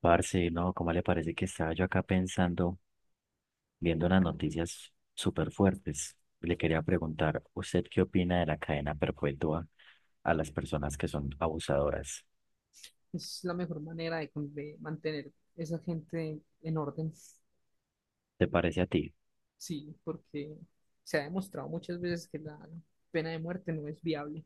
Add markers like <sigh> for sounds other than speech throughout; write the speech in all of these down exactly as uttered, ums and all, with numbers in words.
Parce, no, ¿cómo le parece que estaba yo acá pensando, viendo unas noticias súper fuertes? Le quería preguntar, ¿usted qué opina de la cadena perpetua a las personas que son abusadoras? Es la mejor manera de, con- de mantener esa gente en orden. ¿Te parece a ti? Sí, porque se ha demostrado muchas veces que la pena de muerte no es viable,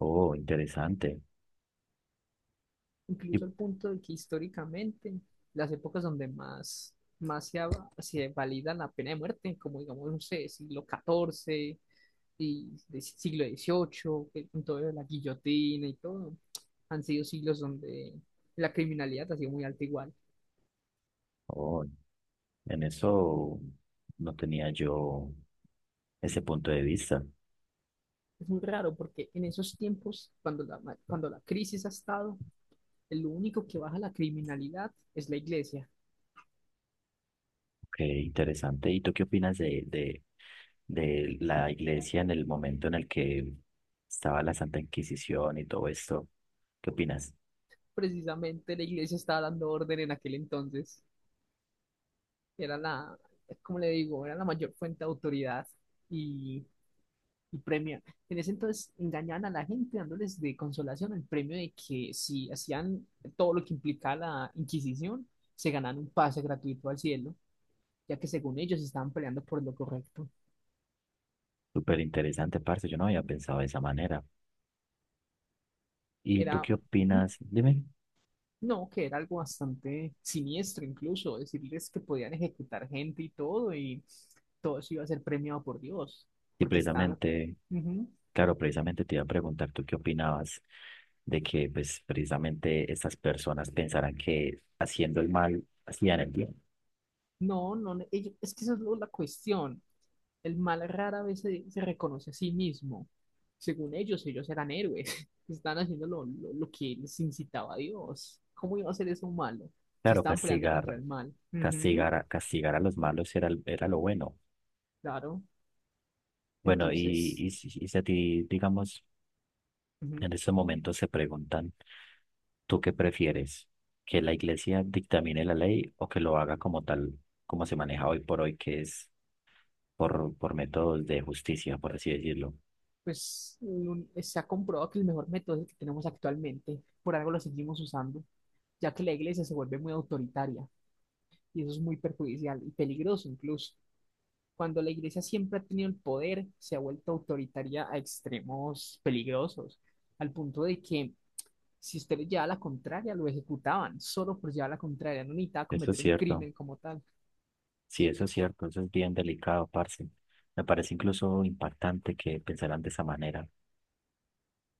Oh, interesante. Y, incluso al punto de que históricamente las épocas donde más, más se, ha- se valida la pena de muerte, como digamos, no sé, siglo catorce y de siglo dieciocho, que con todo lo de la guillotina y todo, han sido siglos donde la criminalidad ha sido muy alta igual. oh, en eso no tenía yo ese punto de vista. Es muy raro porque en esos tiempos, cuando la, cuando la crisis ha estado, lo único que baja la criminalidad es la iglesia. Qué interesante. ¿Y tú qué opinas de, de, de la iglesia en el momento en el que estaba la Santa Inquisición y todo esto? ¿Qué opinas? Precisamente la iglesia estaba dando orden en aquel entonces. Era la, como le digo, era la mayor fuente de autoridad y, y premio. En ese entonces engañaban a la gente dándoles de consolación el premio de que si hacían todo lo que implicaba la Inquisición, se ganaban un pase gratuito al cielo, ya que según ellos estaban peleando por lo correcto. Súper interesante, parce. Yo no había pensado de esa manera. ¿Y Era tú qué un opinas? Dime. No, que era algo bastante siniestro incluso, decirles que podían ejecutar gente y todo, y todo eso iba a ser premiado por Dios, Y porque estaban... precisamente, Ujú. claro, precisamente te iba a preguntar, ¿tú qué opinabas de que, pues, precisamente estas personas pensaran que haciendo el mal hacían el bien? No, no, no, ellos- es que esa es lo- la cuestión. El mal rara vez se, se reconoce a sí mismo. Según ellos, ellos eran héroes, <laughs> estaban haciendo lo, lo, lo que les incitaba a Dios. ¿Cómo iba a ser eso malo? Si Claro, estaban peleando castigar, contra el mal. Ujú. castigar, a- castigar a los malos era, el- era lo bueno. Claro, Bueno, y, entonces... y, si y si a ti, digamos, ujú. en este momento se preguntan, ¿tú qué prefieres? ¿Que la iglesia dictamine la ley o que lo haga como tal, como se maneja hoy por hoy, que es por, por métodos de justicia, por así decirlo? pues un- se ha comprobado que el mejor método es el que tenemos actualmente, por algo lo seguimos usando, ya que la iglesia se vuelve muy autoritaria y eso es muy perjudicial y peligroso incluso. Cuando la iglesia siempre ha tenido el poder, se ha vuelto autoritaria a extremos peligrosos, al punto de que si usted le llevaba la contraria, lo ejecutaban solo por llevar la contraria, no necesitaba Eso es cometer un cierto. crimen como tal. Sí, eso es cierto. Eso es bien delicado, parce. Me parece incluso impactante que pensaran de esa manera.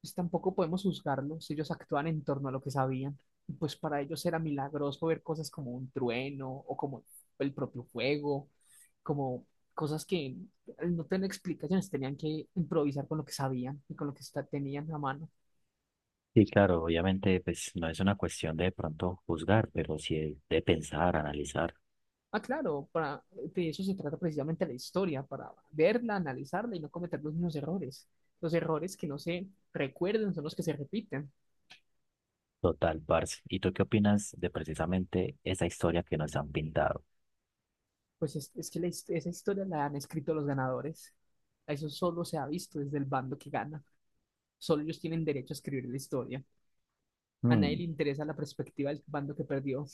Pues tampoco podemos juzgarlos, ellos actúan en torno a lo que sabían. Y pues para ellos era milagroso ver cosas como un trueno o como el propio fuego, como cosas que al no tener explicaciones tenían que improvisar con lo que sabían y con lo que está- tenían a mano. Sí, claro, obviamente, pues no es una cuestión de, de pronto juzgar, pero sí de de pensar, analizar. Ah, claro, para, de eso se trata precisamente la historia, para verla, analizarla y no cometer los mismos errores. Los errores que no se recuerden son los que se repiten. Total, parce. ¿Y tú qué opinas de precisamente esa historia que nos han pintado? Pues es, es que la his- esa historia la han escrito los ganadores. A Eso solo se ha visto desde el bando que gana. Solo ellos tienen derecho a escribir la historia. A nadie le interesa la perspectiva del bando que perdió.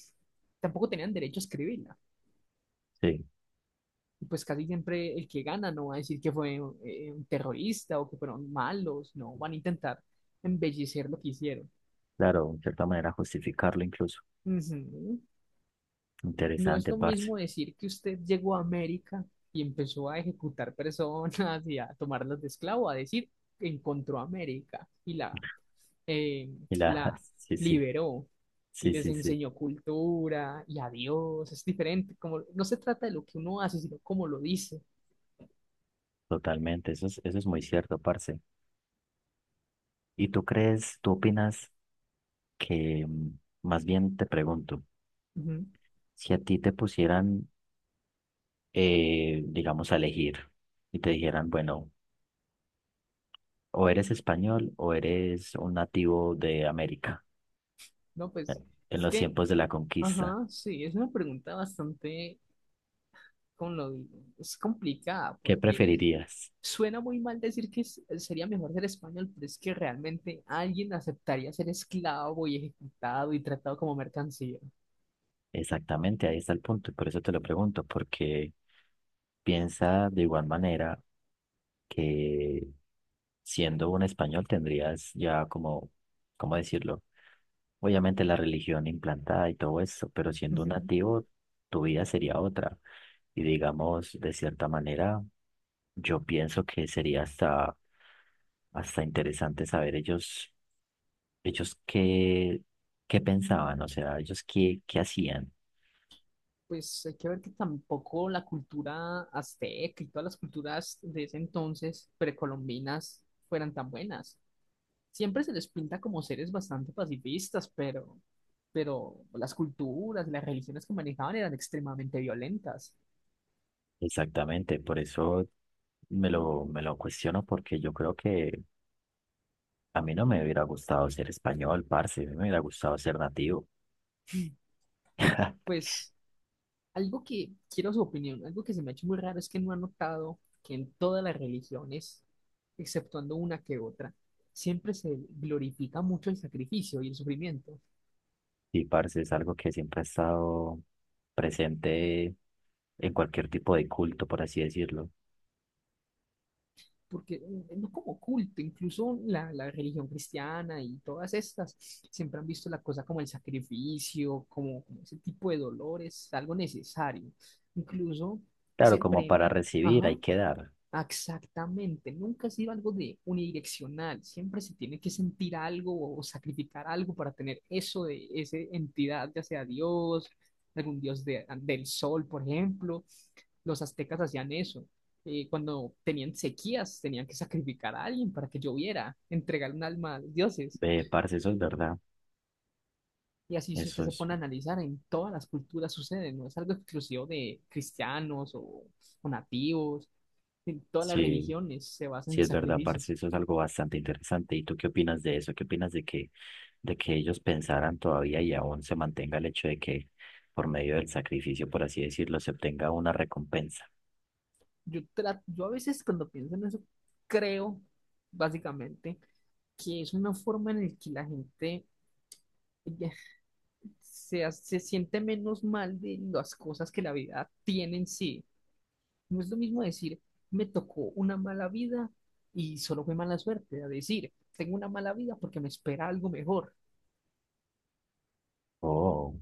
Tampoco tenían derecho a escribirla. Sí, Y pues casi siempre el que gana no va a decir que fue eh, un terrorista o que fueron malos. No, van a intentar embellecer lo que hicieron. claro, en cierta manera justificarlo incluso. Ujú. No es Interesante, lo parce. mismo decir que usted llegó a América y empezó a ejecutar <laughs> personas y a tomarlas de esclavo, a decir que encontró América y la, eh, Y la, la <laughs> sí, sí, liberó y sí, les sí, sí, enseñó cultura y a Dios. Es diferente, como no se trata de lo que uno hace, sino cómo lo dice. totalmente. Eso es, eso es muy cierto, parce. ¿Y tú crees, tú opinas que, mm, más bien te pregunto, Ujú. si a ti te pusieran, eh, digamos, a elegir y te dijeran, bueno, o eres español o eres un nativo de América, No, eh, pues en es los que, tiempos de la conquista, ajá, sí, es una pregunta bastante, ¿cómo lo digo? Es complicada ¿qué porque preferirías? suena muy mal decir que es- sería mejor ser español, pero es que realmente alguien aceptaría ser esclavo y ejecutado y tratado como mercancía. Exactamente, ahí está el punto. Y por eso te lo pregunto, porque piensa de igual manera que siendo un español tendrías ya como, ¿cómo decirlo? Obviamente la religión implantada y todo eso, pero siendo un Ujú. nativo tu vida sería otra. Y digamos, de cierta manera, yo pienso que sería hasta, hasta interesante saber ellos, ellos qué, qué pensaban, o sea, ellos qué, qué hacían. Pues hay que ver que tampoco la cultura azteca y todas las culturas de ese entonces precolombinas fueran tan buenas. Siempre se les pinta como seres bastante pacifistas, pero, pero las culturas, las religiones que manejaban eran extremadamente violentas. Exactamente, por eso me lo, me lo cuestiono porque yo creo que a mí no me hubiera gustado ser español, parce, a mí me hubiera gustado ser nativo. <laughs> Pues Algo que quiero su opinión, algo que se me ha hecho muy raro es que no ha notado que en todas las religiones, exceptuando una que otra, siempre se glorifica mucho el sacrificio y el sufrimiento, Y parce es algo que siempre ha estado presente en cualquier tipo de culto, por así decirlo. porque eh, no como culto, incluso la, la religión cristiana y todas estas siempre han visto la cosa como el sacrificio, como, como ese tipo de dolores, algo necesario. Incluso Claro, se como para premia, recibir hay ajá. que dar. Exactamente, nunca ha sido algo de unidireccional, siempre se tiene que sentir algo o sacrificar algo para tener eso de esa entidad, ya sea Dios, algún dios de- del sol, por ejemplo. Los aztecas hacían eso. Eh, cuando tenían sequías, tenían que sacrificar a alguien para que lloviera, entregar un alma a los dioses. Eh, parce, eso es verdad. Y así, si usted Eso se es, pone a analizar, en todas las culturas sucede, no es algo exclusivo de cristianos o o nativos, en todas las sí, religiones se basan sí en es verdad, parce, sacrificios. eso es algo bastante interesante. ¿Y tú qué opinas de eso? ¿Qué opinas de que, de que ellos pensaran todavía y aún se mantenga el hecho de que por medio del sacrificio, por así decirlo, se obtenga una recompensa? Yo, tra- yo a veces cuando pienso en eso, creo básicamente que es una forma en la que la gente ya se, ha- se siente menos mal de las cosas que la vida tiene en sí. No es lo mismo decir, me tocó una mala vida y solo fue mala suerte, a decir, tengo una mala vida porque me espera algo mejor. Oh.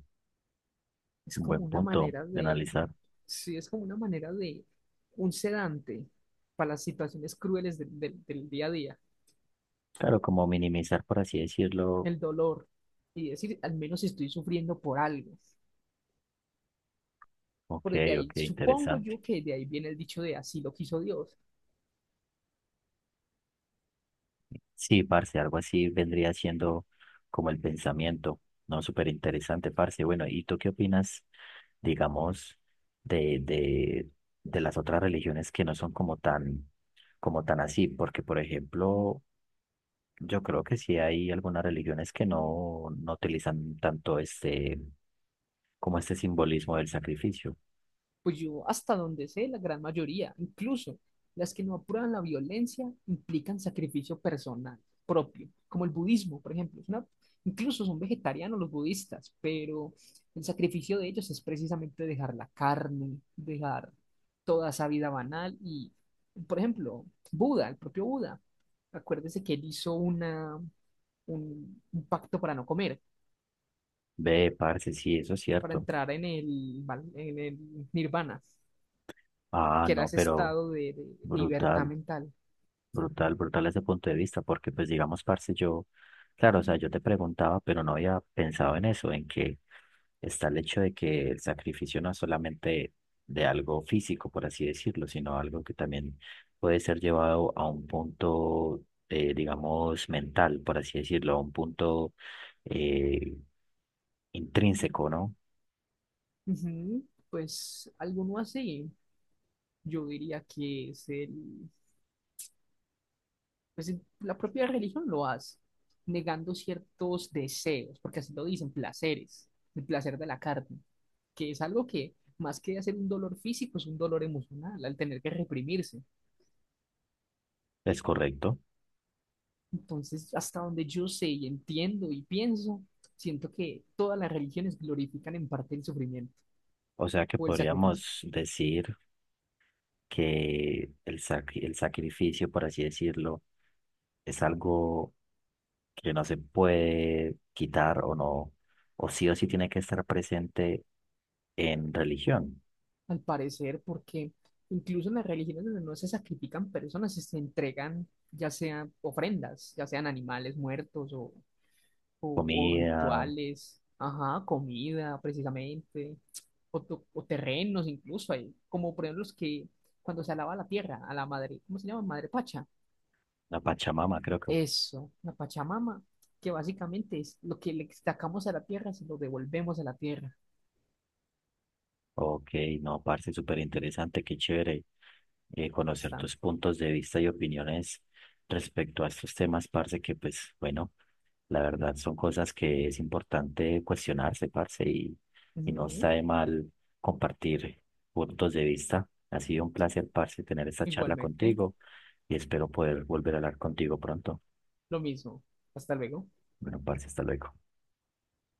Es Un como buen una punto manera de de, analizar. sí, es como una manera de un sedante para las situaciones crueles del del- del día a día. Claro, como minimizar, por así decirlo. El dolor y decir, al menos estoy sufriendo por algo. Ok, Por de ok, ahí, supongo interesante. yo que de ahí viene el dicho de así lo quiso Dios. Sí, parce, algo así vendría siendo como el pensamiento, ¿no? Súper interesante, parce. Bueno, ¿y tú qué opinas, digamos, de, de, de las otras religiones que no son como tan, como tan así? Porque, por ejemplo, yo creo que sí hay algunas religiones que no, no utilizan tanto este, como este simbolismo del sacrificio. Pues yo, hasta donde sé, la gran mayoría, incluso las que no apuran la violencia, implican sacrificio personal propio, como el budismo, por ejemplo. Es una- incluso son vegetarianos los budistas, pero el sacrificio de ellos es precisamente dejar la carne, dejar toda esa vida banal. Y, por ejemplo, Buda, el propio Buda, acuérdese que él hizo una, un, un pacto para no comer, Ve, parce, sí, eso es para cierto. entrar en el, val- en el nirvana. Ah, Que era no, ese pero estado de, de- de libertad brutal, mental. brutal, brutal ese punto de vista, porque pues digamos, parce, yo, claro, o sea, yo te preguntaba, pero no había pensado en eso, en que está el hecho de que el sacrificio no es solamente de algo físico, por así decirlo, sino algo que también puede ser llevado a un punto, eh, digamos, mental, por así decirlo, a un punto eh, intrínseco, ¿no? Ujú. Pues alguno así, yo diría que es el, pues el- la propia religión lo hace, negando ciertos deseos, porque así lo dicen, placeres, el placer de la carne, que es algo que más que hacer un dolor físico, es un dolor emocional, al tener que reprimirse. Es correcto. Entonces, hasta donde yo sé y entiendo y pienso, siento que todas las religiones glorifican en parte el sufrimiento O sea que o el sacrificio. podríamos decir... que el, sac- el sacrificio, por así decirlo, es algo que no se puede quitar o no, o sí o sí tiene que estar presente en religión, Al parecer, porque incluso en las religiones donde no se sacrifican personas, se entregan ya sean ofrendas, ya sean animales muertos o, o- o comida, rituales, ajá, comida precisamente, o, tu- o terrenos incluso, hay, como por ejemplo los que cuando se alaba la tierra, a la madre, ¿cómo se llama? Madre Pacha. la Pachamama, creo que. Eso, la Pachamama, que básicamente es lo que le sacamos a la tierra, se lo devolvemos a la tierra, Ok, no, parce, súper interesante, qué chévere eh, conocer bastante. tus puntos de vista y opiniones respecto a estos temas, parce, que pues bueno. La verdad son cosas que es importante cuestionarse, parce, y, y no está Ujú. de mal compartir puntos de vista. Ha sido un placer, parce, tener esta charla Igualmente, contigo y espero poder volver a hablar contigo pronto. lo mismo. Hasta luego. Bueno, parce, hasta luego.